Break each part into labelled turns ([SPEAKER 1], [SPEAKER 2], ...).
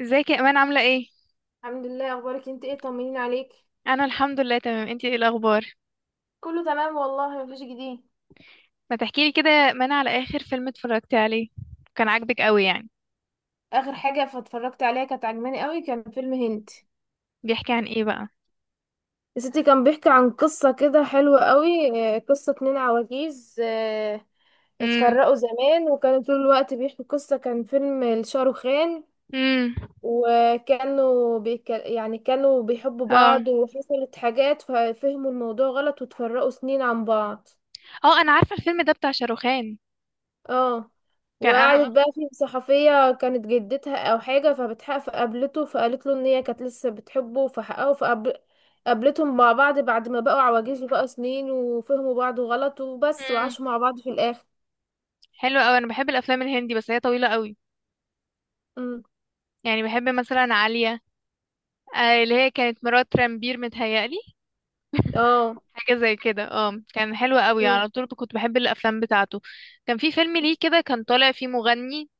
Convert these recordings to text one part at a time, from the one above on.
[SPEAKER 1] ازيك يا امان؟ عامله ايه؟
[SPEAKER 2] الحمد لله، اخبارك إيه؟ انت ايه طمنين عليك.
[SPEAKER 1] انا الحمد لله تمام. انتي ايه الاخبار؟
[SPEAKER 2] كله تمام والله، مفيش جديد.
[SPEAKER 1] ما تحكيلي كده يا امان على اخر فيلم اتفرجتي عليه، كان عاجبك قوي يعني؟
[SPEAKER 2] اخر حاجه فاتفرجت عليها كانت عجباني قوي، كان فيلم هند.
[SPEAKER 1] بيحكي عن ايه بقى؟
[SPEAKER 2] يا ستي كان بيحكي عن قصه كده حلوه قوي. قصه اتنين عواجيز.
[SPEAKER 1] امم.
[SPEAKER 2] اتفرقوا زمان وكانوا طول الوقت بيحكوا قصه، كان فيلم لشاروخان.
[SPEAKER 1] امم.
[SPEAKER 2] يعني كانوا بيحبوا
[SPEAKER 1] اه
[SPEAKER 2] بعض وحصلت حاجات ففهموا الموضوع غلط واتفرقوا سنين عن بعض.
[SPEAKER 1] اه، انا عارفه الفيلم ده بتاع شاروخان.
[SPEAKER 2] اه،
[SPEAKER 1] كان
[SPEAKER 2] وقعدت
[SPEAKER 1] انا.
[SPEAKER 2] بقى في صحفية كانت جدتها او حاجة فبتحق فقابلته فقالت له ان هي كانت لسه بتحبه فحققه فقابل. قابلتهم مع بعض بعد ما بقوا عواجيز وبقى سنين وفهموا بعض غلط وبس،
[SPEAKER 1] امم.
[SPEAKER 2] وعاشوا مع بعض في الاخر.
[SPEAKER 1] حلو قوي، انا بحب الافلام الهندي بس هي طويله قوي.
[SPEAKER 2] امم
[SPEAKER 1] يعني بحب مثلا عاليه، آه اللي هي كانت مرات رامبير متهيألي.
[SPEAKER 2] اه.
[SPEAKER 1] حاجه زي كده، اه كان حلو قوي، على
[SPEAKER 2] امم
[SPEAKER 1] طول كنت بحب الافلام بتاعته. كان في فيلم ليه كده، كان طالع فيه مغني،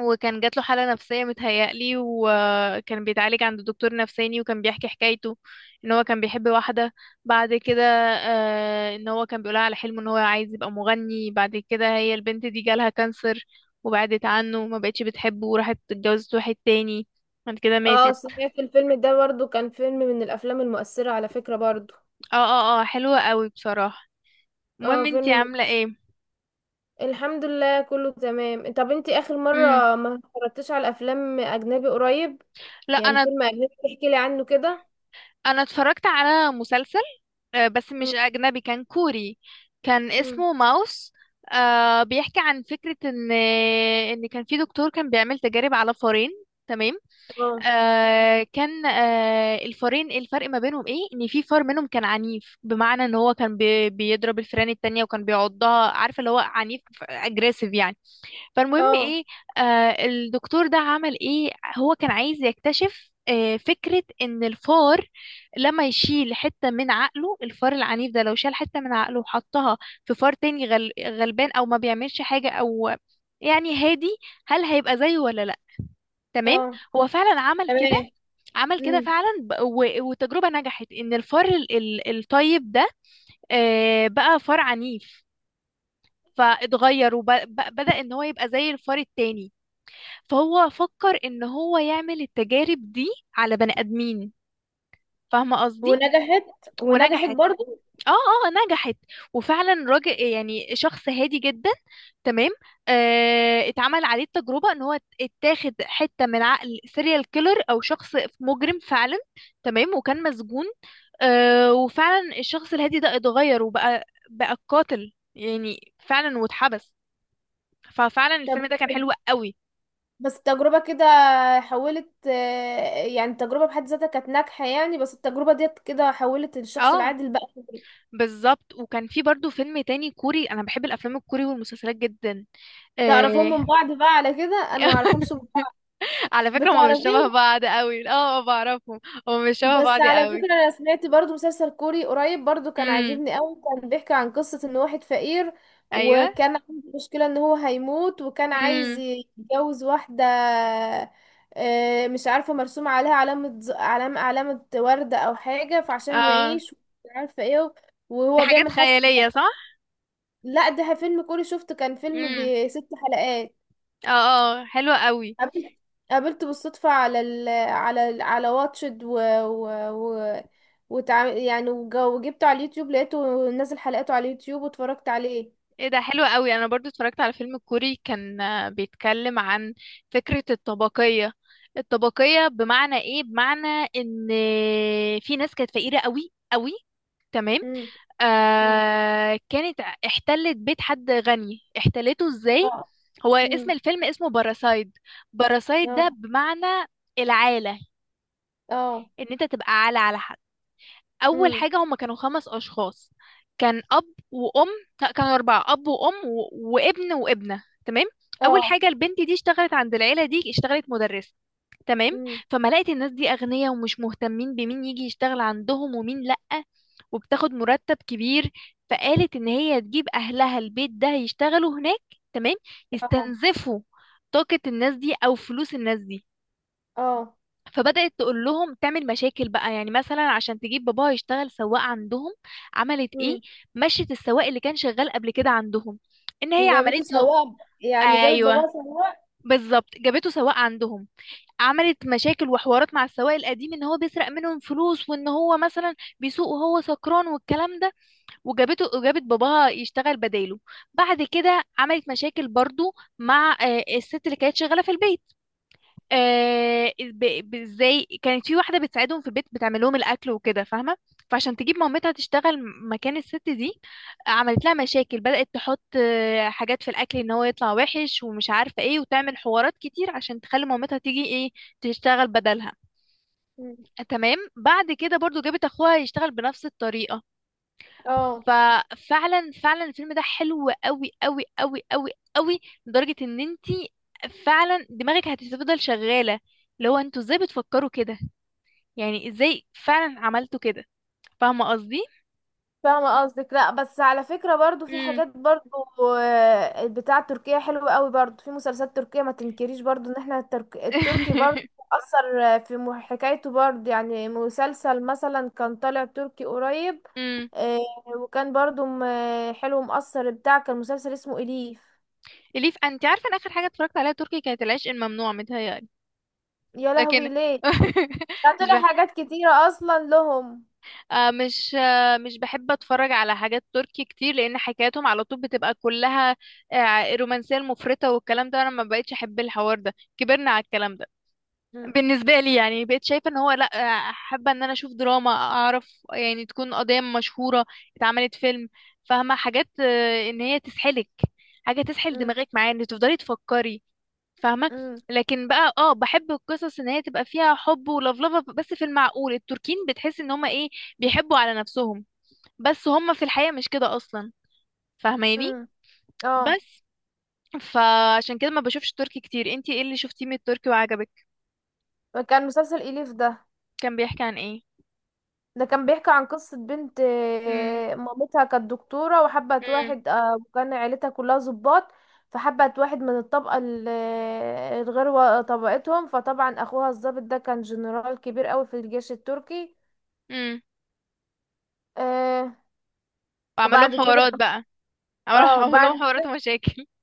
[SPEAKER 1] وكان جات له حالة نفسية متهيألي، وكان بيتعالج عند دكتور نفساني وكان بيحكي حكايته، ان هو كان بيحب واحدة. بعد كده ان هو كان بيقولها على حلمه ان هو عايز يبقى مغني. بعد كده هي البنت دي جالها كانسر، وبعدت عنه، ما بقتش بتحبه وراحت اتجوزت واحد تاني. بعد كده
[SPEAKER 2] اه.
[SPEAKER 1] ماتت.
[SPEAKER 2] سمعت الفيلم ده برضو، كان فيلم من الافلام المؤثرة على فكرة برضو.
[SPEAKER 1] اه اه اه، حلوة قوي بصراحة.
[SPEAKER 2] اه،
[SPEAKER 1] المهم، انتي عاملة ايه؟
[SPEAKER 2] الحمد لله كله تمام. طب انتي اخر
[SPEAKER 1] امم.
[SPEAKER 2] مرة ما اتفرجتيش على افلام اجنبي قريب؟
[SPEAKER 1] لا
[SPEAKER 2] يعني
[SPEAKER 1] انا
[SPEAKER 2] فيلم اجنبي تحكي لي عنه كده.
[SPEAKER 1] انا اتفرجت على مسلسل، بس مش اجنبي، كان كوري. كان
[SPEAKER 2] مم.
[SPEAKER 1] اسمه ماوس. بيحكي عن فكرة ان كان في دكتور كان بيعمل تجارب على فارين. تمام.
[SPEAKER 2] اه،
[SPEAKER 1] آه كان الفارين الفرق ما بينهم ايه، ان في فار منهم كان عنيف، بمعنى ان هو كان بيضرب الفئران التانية وكان بيعضها، عارفة اللي هو عنيف، اجريسيف يعني. فالمهم
[SPEAKER 2] اه،
[SPEAKER 1] ايه؟ آه الدكتور ده عمل ايه؟ هو كان عايز يكتشف فكرة ان الفار لما يشيل حتة من عقله، الفار العنيف ده لو شال حتة من عقله وحطها في فار تاني غلبان، او ما بيعملش حاجة، او يعني هادي، هل هيبقى زيه ولا لا؟ تمام.
[SPEAKER 2] اه.
[SPEAKER 1] هو فعلا عمل كده.
[SPEAKER 2] تمام.
[SPEAKER 1] عمل كده
[SPEAKER 2] امم.
[SPEAKER 1] فعلا، والتجربة نجحت ان الفار الطيب ده آه بقى فار عنيف، فاتغير وبدأ ان هو يبقى زي الفار التاني. فهو فكر ان هو يعمل التجارب دي على بني ادمين، فاهمه قصدي؟
[SPEAKER 2] ونجحت، ونجحت
[SPEAKER 1] ونجحت.
[SPEAKER 2] برضو.
[SPEAKER 1] اه اه نجحت. وفعلا راجل، يعني شخص هادي جدا، تمام، آه اتعمل عليه التجربه ان هو اتاخد حته من عقل سيريال كيلر او شخص مجرم فعلا، تمام، وكان مسجون. آه، وفعلا الشخص الهادي ده اتغير وبقى قاتل يعني فعلا واتحبس. ففعلا
[SPEAKER 2] طب
[SPEAKER 1] الفيلم ده كان حلو قوي.
[SPEAKER 2] بس التجربة كده حولت، يعني التجربة بحد ذاتها كانت ناجحة يعني، بس التجربة ديت كده حولت الشخص
[SPEAKER 1] اه
[SPEAKER 2] العادي لبقى خبرة.
[SPEAKER 1] بالظبط. وكان في برضو فيلم تاني كوري، انا بحب الافلام الكوري والمسلسلات جدا.
[SPEAKER 2] تعرفون
[SPEAKER 1] آه...
[SPEAKER 2] من بعض بقى على كده؟ انا ما اعرفهمش من بعض.
[SPEAKER 1] على فكرة هما مش شبه
[SPEAKER 2] بتعرفيهم؟
[SPEAKER 1] بعض قوي، اه بعرفهم. هما مش شبه
[SPEAKER 2] بس
[SPEAKER 1] بعض
[SPEAKER 2] على
[SPEAKER 1] قوي.
[SPEAKER 2] فكرة انا سمعت برضو مسلسل كوري قريب برضو، كان
[SPEAKER 1] امم.
[SPEAKER 2] عاجبني قوي. كان بيحكي عن قصة ان واحد فقير
[SPEAKER 1] ايوه.
[SPEAKER 2] وكان عنده مشكلة ان هو هيموت، وكان عايز
[SPEAKER 1] امم.
[SPEAKER 2] يتجوز واحدة. مش عارفة، مرسوم عليها علامة علامة وردة او حاجة فعشان
[SPEAKER 1] اه،
[SPEAKER 2] يعيش. مش عارفة ايه،
[SPEAKER 1] دي
[SPEAKER 2] وهو
[SPEAKER 1] حاجات
[SPEAKER 2] بيعمل حس.
[SPEAKER 1] خيالية صح؟
[SPEAKER 2] لا، ده فيلم كوري شفته، كان فيلم
[SPEAKER 1] امم.
[SPEAKER 2] بست حلقات.
[SPEAKER 1] اه اه حلوة قوي.
[SPEAKER 2] قابلت قابلته بالصدفة على واتشد و... يعني وجبته على اليوتيوب لقيته نازل حلقاته على اليوتيوب واتفرجت عليه.
[SPEAKER 1] ايه ده، حلو قوي. انا برضو اتفرجت على فيلم كوري كان بيتكلم عن فكرة الطبقية. الطبقية بمعنى ايه؟ بمعنى ان في ناس كانت فقيرة قوي قوي، تمام،
[SPEAKER 2] امم امم
[SPEAKER 1] آه كانت احتلت بيت حد غني. احتلته ازاي؟
[SPEAKER 2] اه.
[SPEAKER 1] هو اسم
[SPEAKER 2] امم
[SPEAKER 1] الفيلم اسمه باراسايد. باراسايد
[SPEAKER 2] اه،
[SPEAKER 1] ده بمعنى العالة،
[SPEAKER 2] اه.
[SPEAKER 1] ان انت تبقى عالة على حد. اول
[SPEAKER 2] امم
[SPEAKER 1] حاجه، هما كانوا خمس اشخاص، كان اب وام، لا كانوا اربعه، اب وام وابن وابنه، تمام. اول
[SPEAKER 2] اه.
[SPEAKER 1] حاجه، البنت دي اشتغلت عند العيله دي، اشتغلت مدرسه، تمام.
[SPEAKER 2] امم
[SPEAKER 1] فما لقيت الناس دي اغنياء ومش مهتمين بمين يجي يشتغل عندهم ومين لأ، وبتاخد مرتب كبير. فقالت ان هي تجيب اهلها البيت ده يشتغلوا هناك، تمام،
[SPEAKER 2] اه،
[SPEAKER 1] يستنزفوا طاقة الناس دي او فلوس الناس دي.
[SPEAKER 2] اه.
[SPEAKER 1] فبدأت تقول لهم، تعمل مشاكل بقى. يعني مثلا عشان تجيب باباها يشتغل سواق عندهم، عملت ايه؟
[SPEAKER 2] امم.
[SPEAKER 1] مشت السواق اللي كان شغال قبل كده عندهم. ان هي
[SPEAKER 2] وجابته
[SPEAKER 1] عملت له،
[SPEAKER 2] سواق، يعني جابت
[SPEAKER 1] ايوه،
[SPEAKER 2] باباها سواق.
[SPEAKER 1] بالظبط، جابته سواق عندهم. عملت مشاكل وحوارات مع السواق القديم ان هو بيسرق منهم فلوس، وان هو مثلا بيسوق وهو سكران والكلام ده، وجابته، وجابت باباها يشتغل بداله. بعد كده عملت مشاكل برضو مع الست اللي كانت شغالة في البيت. ازاي، كانت في واحده بتساعدهم في البيت، بتعمل لهم الاكل وكده، فاهمه؟ فعشان تجيب مامتها تشتغل مكان الست دي، عملت لها مشاكل. بدات تحط حاجات في الاكل ان هو يطلع وحش ومش عارفه ايه، وتعمل حوارات كتير عشان تخلي مامتها تيجي ايه، تشتغل بدلها،
[SPEAKER 2] مم.
[SPEAKER 1] تمام. بعد كده برضو جابت اخوها يشتغل بنفس الطريقه.
[SPEAKER 2] اه.
[SPEAKER 1] ففعلا فعلا الفيلم ده حلو قوي قوي قوي قوي قوي، لدرجة ان انتي فعلا دماغك هتفضل شغالة. اللي هو انتوا ازاي بتفكروا كده؟ يعني ازاي فعلا عملتوا كده؟ فاهمة قصدي؟
[SPEAKER 2] فاهمة قصدك، لا بس على فكرة برضو في
[SPEAKER 1] امم.
[SPEAKER 2] حاجات برضو، بتاع تركيا حلوة قوي برضو، في مسلسلات تركية ما تنكريش برضو ان احنا التركي برضو اثر، في حكايته برضو، يعني مسلسل مثلا كان طالع تركي قريب.
[SPEAKER 1] امم.
[SPEAKER 2] آه، وكان برضو حلو مؤثر بتاع، كان مسلسل اسمه إليف.
[SPEAKER 1] اليف. انت عارفة ان اخر حاجة اتفرجت عليها تركي كانت العشق الممنوع متهيألي.
[SPEAKER 2] يا
[SPEAKER 1] لكن
[SPEAKER 2] لهوي ليه؟ ده
[SPEAKER 1] مش
[SPEAKER 2] طلع حاجات كتيرة اصلا لهم.
[SPEAKER 1] مش بحب اتفرج على حاجات تركي كتير، لان حكاياتهم على طول بتبقى كلها رومانسيه المفرطه والكلام ده، انا ما بقتش احب الحوار ده، كبرنا على الكلام ده.
[SPEAKER 2] م-
[SPEAKER 1] بالنسبه لي يعني بقيت شايفه ان هو لا، حابه ان انا اشوف دراما، اعرف يعني تكون قضيه مشهوره اتعملت فيلم، فاهمه، حاجات ان هي تسحلك، حاجه تسحل
[SPEAKER 2] م-
[SPEAKER 1] دماغك معايا ان تفضلي تفكري، فاهمة؟
[SPEAKER 2] م-
[SPEAKER 1] لكن بقى اه بحب القصص ان هي تبقى فيها حب ولفلفة بس في المعقول. التركين بتحس ان هما ايه، بيحبوا على نفسهم، بس هما في الحقيقة مش كده اصلا، فاهماني؟
[SPEAKER 2] م. اه،
[SPEAKER 1] بس. فعشان كده ما بشوفش تركي كتير. انتي ايه اللي شفتيه من التركي وعجبك؟
[SPEAKER 2] كان مسلسل إليف ده،
[SPEAKER 1] كان بيحكي عن ايه؟
[SPEAKER 2] ده كان بيحكي عن قصة بنت،
[SPEAKER 1] امم.
[SPEAKER 2] مامتها كانت دكتورة وحبت
[SPEAKER 1] امم.
[SPEAKER 2] واحد، وكان عيلتها كلها ضباط. فحبت واحد من الطبقة الغير طبقتهم، فطبعا أخوها الضابط ده كان جنرال كبير قوي في الجيش التركي.
[SPEAKER 1] امم.
[SPEAKER 2] آه،
[SPEAKER 1] وعمل لهم
[SPEAKER 2] وبعد كده،
[SPEAKER 1] حوارات بقى. عمل
[SPEAKER 2] اه، بعد
[SPEAKER 1] لهم حوارات
[SPEAKER 2] كده.
[SPEAKER 1] ومشاكل.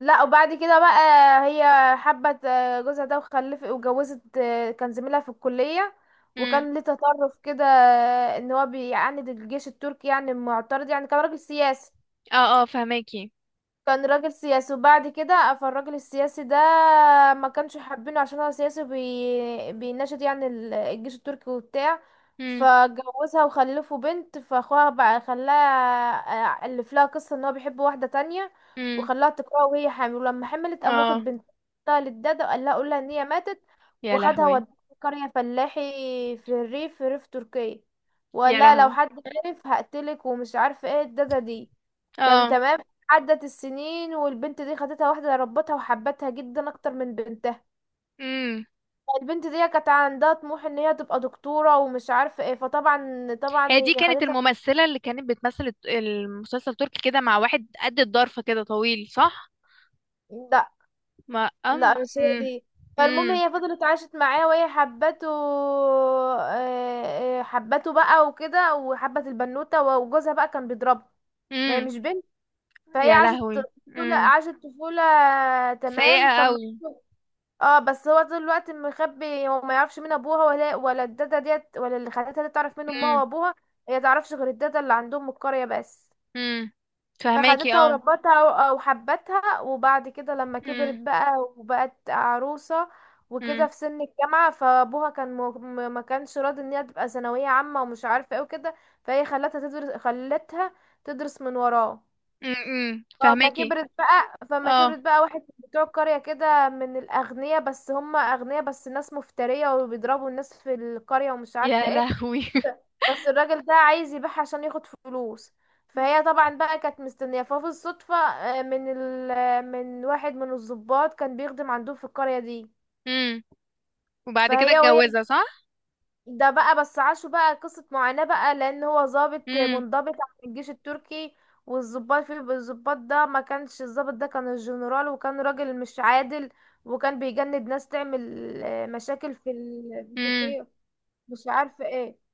[SPEAKER 2] لا وبعد كده بقى، هي حبت، جوزها ده وخلفت وجوزت، كان زميلها في الكلية.
[SPEAKER 1] امم.
[SPEAKER 2] وكان ليه تطرف كده، ان هو بيعاند الجيش التركي يعني معترض، يعني كان راجل سياسي.
[SPEAKER 1] اه اه فهماكي.
[SPEAKER 2] وبعد كده فالراجل السياسي ده ما كانش حابينه عشان هو سياسي بيناشد يعني الجيش التركي وبتاع.
[SPEAKER 1] امم.
[SPEAKER 2] فجوزها وخلفوا بنت، فاخوها بقى خلاها، الف لها قصة ان هو بيحب واحدة تانية
[SPEAKER 1] امم.
[SPEAKER 2] وخلاها تقرأ وهي حامل. ولما حملت قام واخد
[SPEAKER 1] اه.
[SPEAKER 2] بنتها للدادة وقال لها قول لها ان هي ماتت.
[SPEAKER 1] يا
[SPEAKER 2] وخدها
[SPEAKER 1] لهوي.
[SPEAKER 2] وداها قرية فلاحي في الريف، في ريف تركيا، وقال
[SPEAKER 1] يا
[SPEAKER 2] لها لو
[SPEAKER 1] لهوي.
[SPEAKER 2] حد عرف هقتلك، ومش عارفة ايه الدادة دي كان
[SPEAKER 1] اه.
[SPEAKER 2] تمام. عدت السنين والبنت دي خدتها واحدة ربتها وحبتها جدا اكتر من بنتها.
[SPEAKER 1] امم.
[SPEAKER 2] البنت دي كانت عندها طموح ان هي تبقى دكتورة ومش عارفة ايه. فطبعا
[SPEAKER 1] هي دي
[SPEAKER 2] هي
[SPEAKER 1] كانت
[SPEAKER 2] خدتها.
[SPEAKER 1] الممثلة اللي كانت بتمثل المسلسل التركي كده مع واحد قد الضرفة كده طويل صح؟
[SPEAKER 2] لا،
[SPEAKER 1] ما
[SPEAKER 2] لا
[SPEAKER 1] أم.
[SPEAKER 2] مش هي
[SPEAKER 1] مم.
[SPEAKER 2] دي. فالمهم
[SPEAKER 1] مم.
[SPEAKER 2] هي فضلت عاشت معاه وهي حبته، حبته بقى وكده، وحبت البنوتة. وجوزها بقى كان بيضربها، ما هي مش
[SPEAKER 1] مم.
[SPEAKER 2] بنت. فهي
[SPEAKER 1] يا
[SPEAKER 2] عاشت
[SPEAKER 1] لهوي. مم.
[SPEAKER 2] عاشت طفولة،
[SPEAKER 1] سيئة
[SPEAKER 2] تمام.
[SPEAKER 1] قوي.
[SPEAKER 2] اه بس هو طول الوقت مخبي، هو ما يعرفش مين ابوها، ولا الداده ديت ولا اللي خدتها دي تعرف مين امها
[SPEAKER 1] مم.
[SPEAKER 2] وابوها. هي تعرفش غير الداده اللي عندهم من القريه بس.
[SPEAKER 1] مم. فهماكي،
[SPEAKER 2] فخدتها
[SPEAKER 1] اه.
[SPEAKER 2] وربتها وحبتها. وبعد كده لما كبرت
[SPEAKER 1] مم.
[SPEAKER 2] بقى وبقت عروسه وكده
[SPEAKER 1] مم.
[SPEAKER 2] في سن الجامعه، فابوها كان ما كانش راضي ان هي تبقى ثانويه عامه ومش عارفه ايه وكده. فهي خلتها تدرس خلتها تدرس من وراه.
[SPEAKER 1] مم. مم. فهماكي،
[SPEAKER 2] فما
[SPEAKER 1] اه.
[SPEAKER 2] كبرت بقى، واحد من بتوع القرية كده من الأغنياء، بس هم أغنياء بس ناس مفترية وبيضربوا الناس في القرية ومش
[SPEAKER 1] يا
[SPEAKER 2] عارفة ايه.
[SPEAKER 1] لهوي.
[SPEAKER 2] بس الراجل ده عايز يبيعها عشان ياخد فلوس. فهي طبعا بقى كانت مستنية، ففي الصدفة، آه، من ال... آه، من واحد من الضباط كان بيخدم عندهم في القرية دي.
[SPEAKER 1] مم. وبعد كده
[SPEAKER 2] وهي
[SPEAKER 1] اتجوزها صح؟
[SPEAKER 2] ده بقى، بس عاشوا بقى قصة معاناة بقى لأن هو ضابط
[SPEAKER 1] مم.
[SPEAKER 2] منضبط عن الجيش التركي. والضباط في الضباط ده ما كانش الضابط ده كان الجنرال وكان راجل مش عادل، وكان بيجند ناس تعمل، مشاكل في في
[SPEAKER 1] مم.
[SPEAKER 2] تركيا، مش عارفة ايه.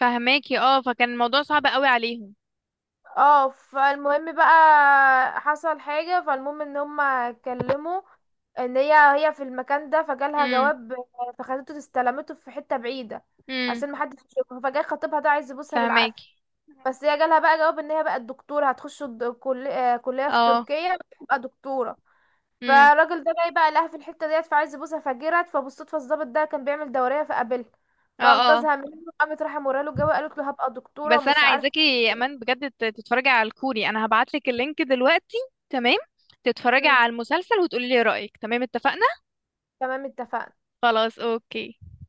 [SPEAKER 1] فهماكي اه، فكان الموضوع صعب قوي عليهم.
[SPEAKER 2] اه فالمهم بقى حصل حاجة، فالمهم ان هما اتكلموا. ان هي هي في المكان ده فجالها
[SPEAKER 1] مم.
[SPEAKER 2] جواب، فخدته استلمته في حتة بعيدة
[SPEAKER 1] مم.
[SPEAKER 2] عشان محدش يشوفها. فجاي خطيبها ده عايز يبوسها بالعافية.
[SPEAKER 1] فهماكي
[SPEAKER 2] بس هي جالها بقى جواب ان هي بقت دكتوره، هتخش كليه في
[SPEAKER 1] اه.
[SPEAKER 2] تركيا وتبقى دكتوره.
[SPEAKER 1] مم.
[SPEAKER 2] فالراجل ده جاي بقى لها في الحته ديت فعايز يبوسها، فجرت. فبالصدفه الضابط ده كان بيعمل دوريه فقابلها،
[SPEAKER 1] اه اه.
[SPEAKER 2] فانقذها منه. قامت راح موريله الجواب قالت له هبقى دكتوره
[SPEAKER 1] بس انا
[SPEAKER 2] ومش عارفه.
[SPEAKER 1] عايزاكي يا امان بجد تتفرجي على الكوري. انا هبعتلك اللينك دلوقتي، تمام؟ تتفرجي
[SPEAKER 2] مم،
[SPEAKER 1] على المسلسل وتقولي لي رأيك، تمام؟ اتفقنا؟
[SPEAKER 2] تمام اتفقنا.
[SPEAKER 1] خلاص، اوكي.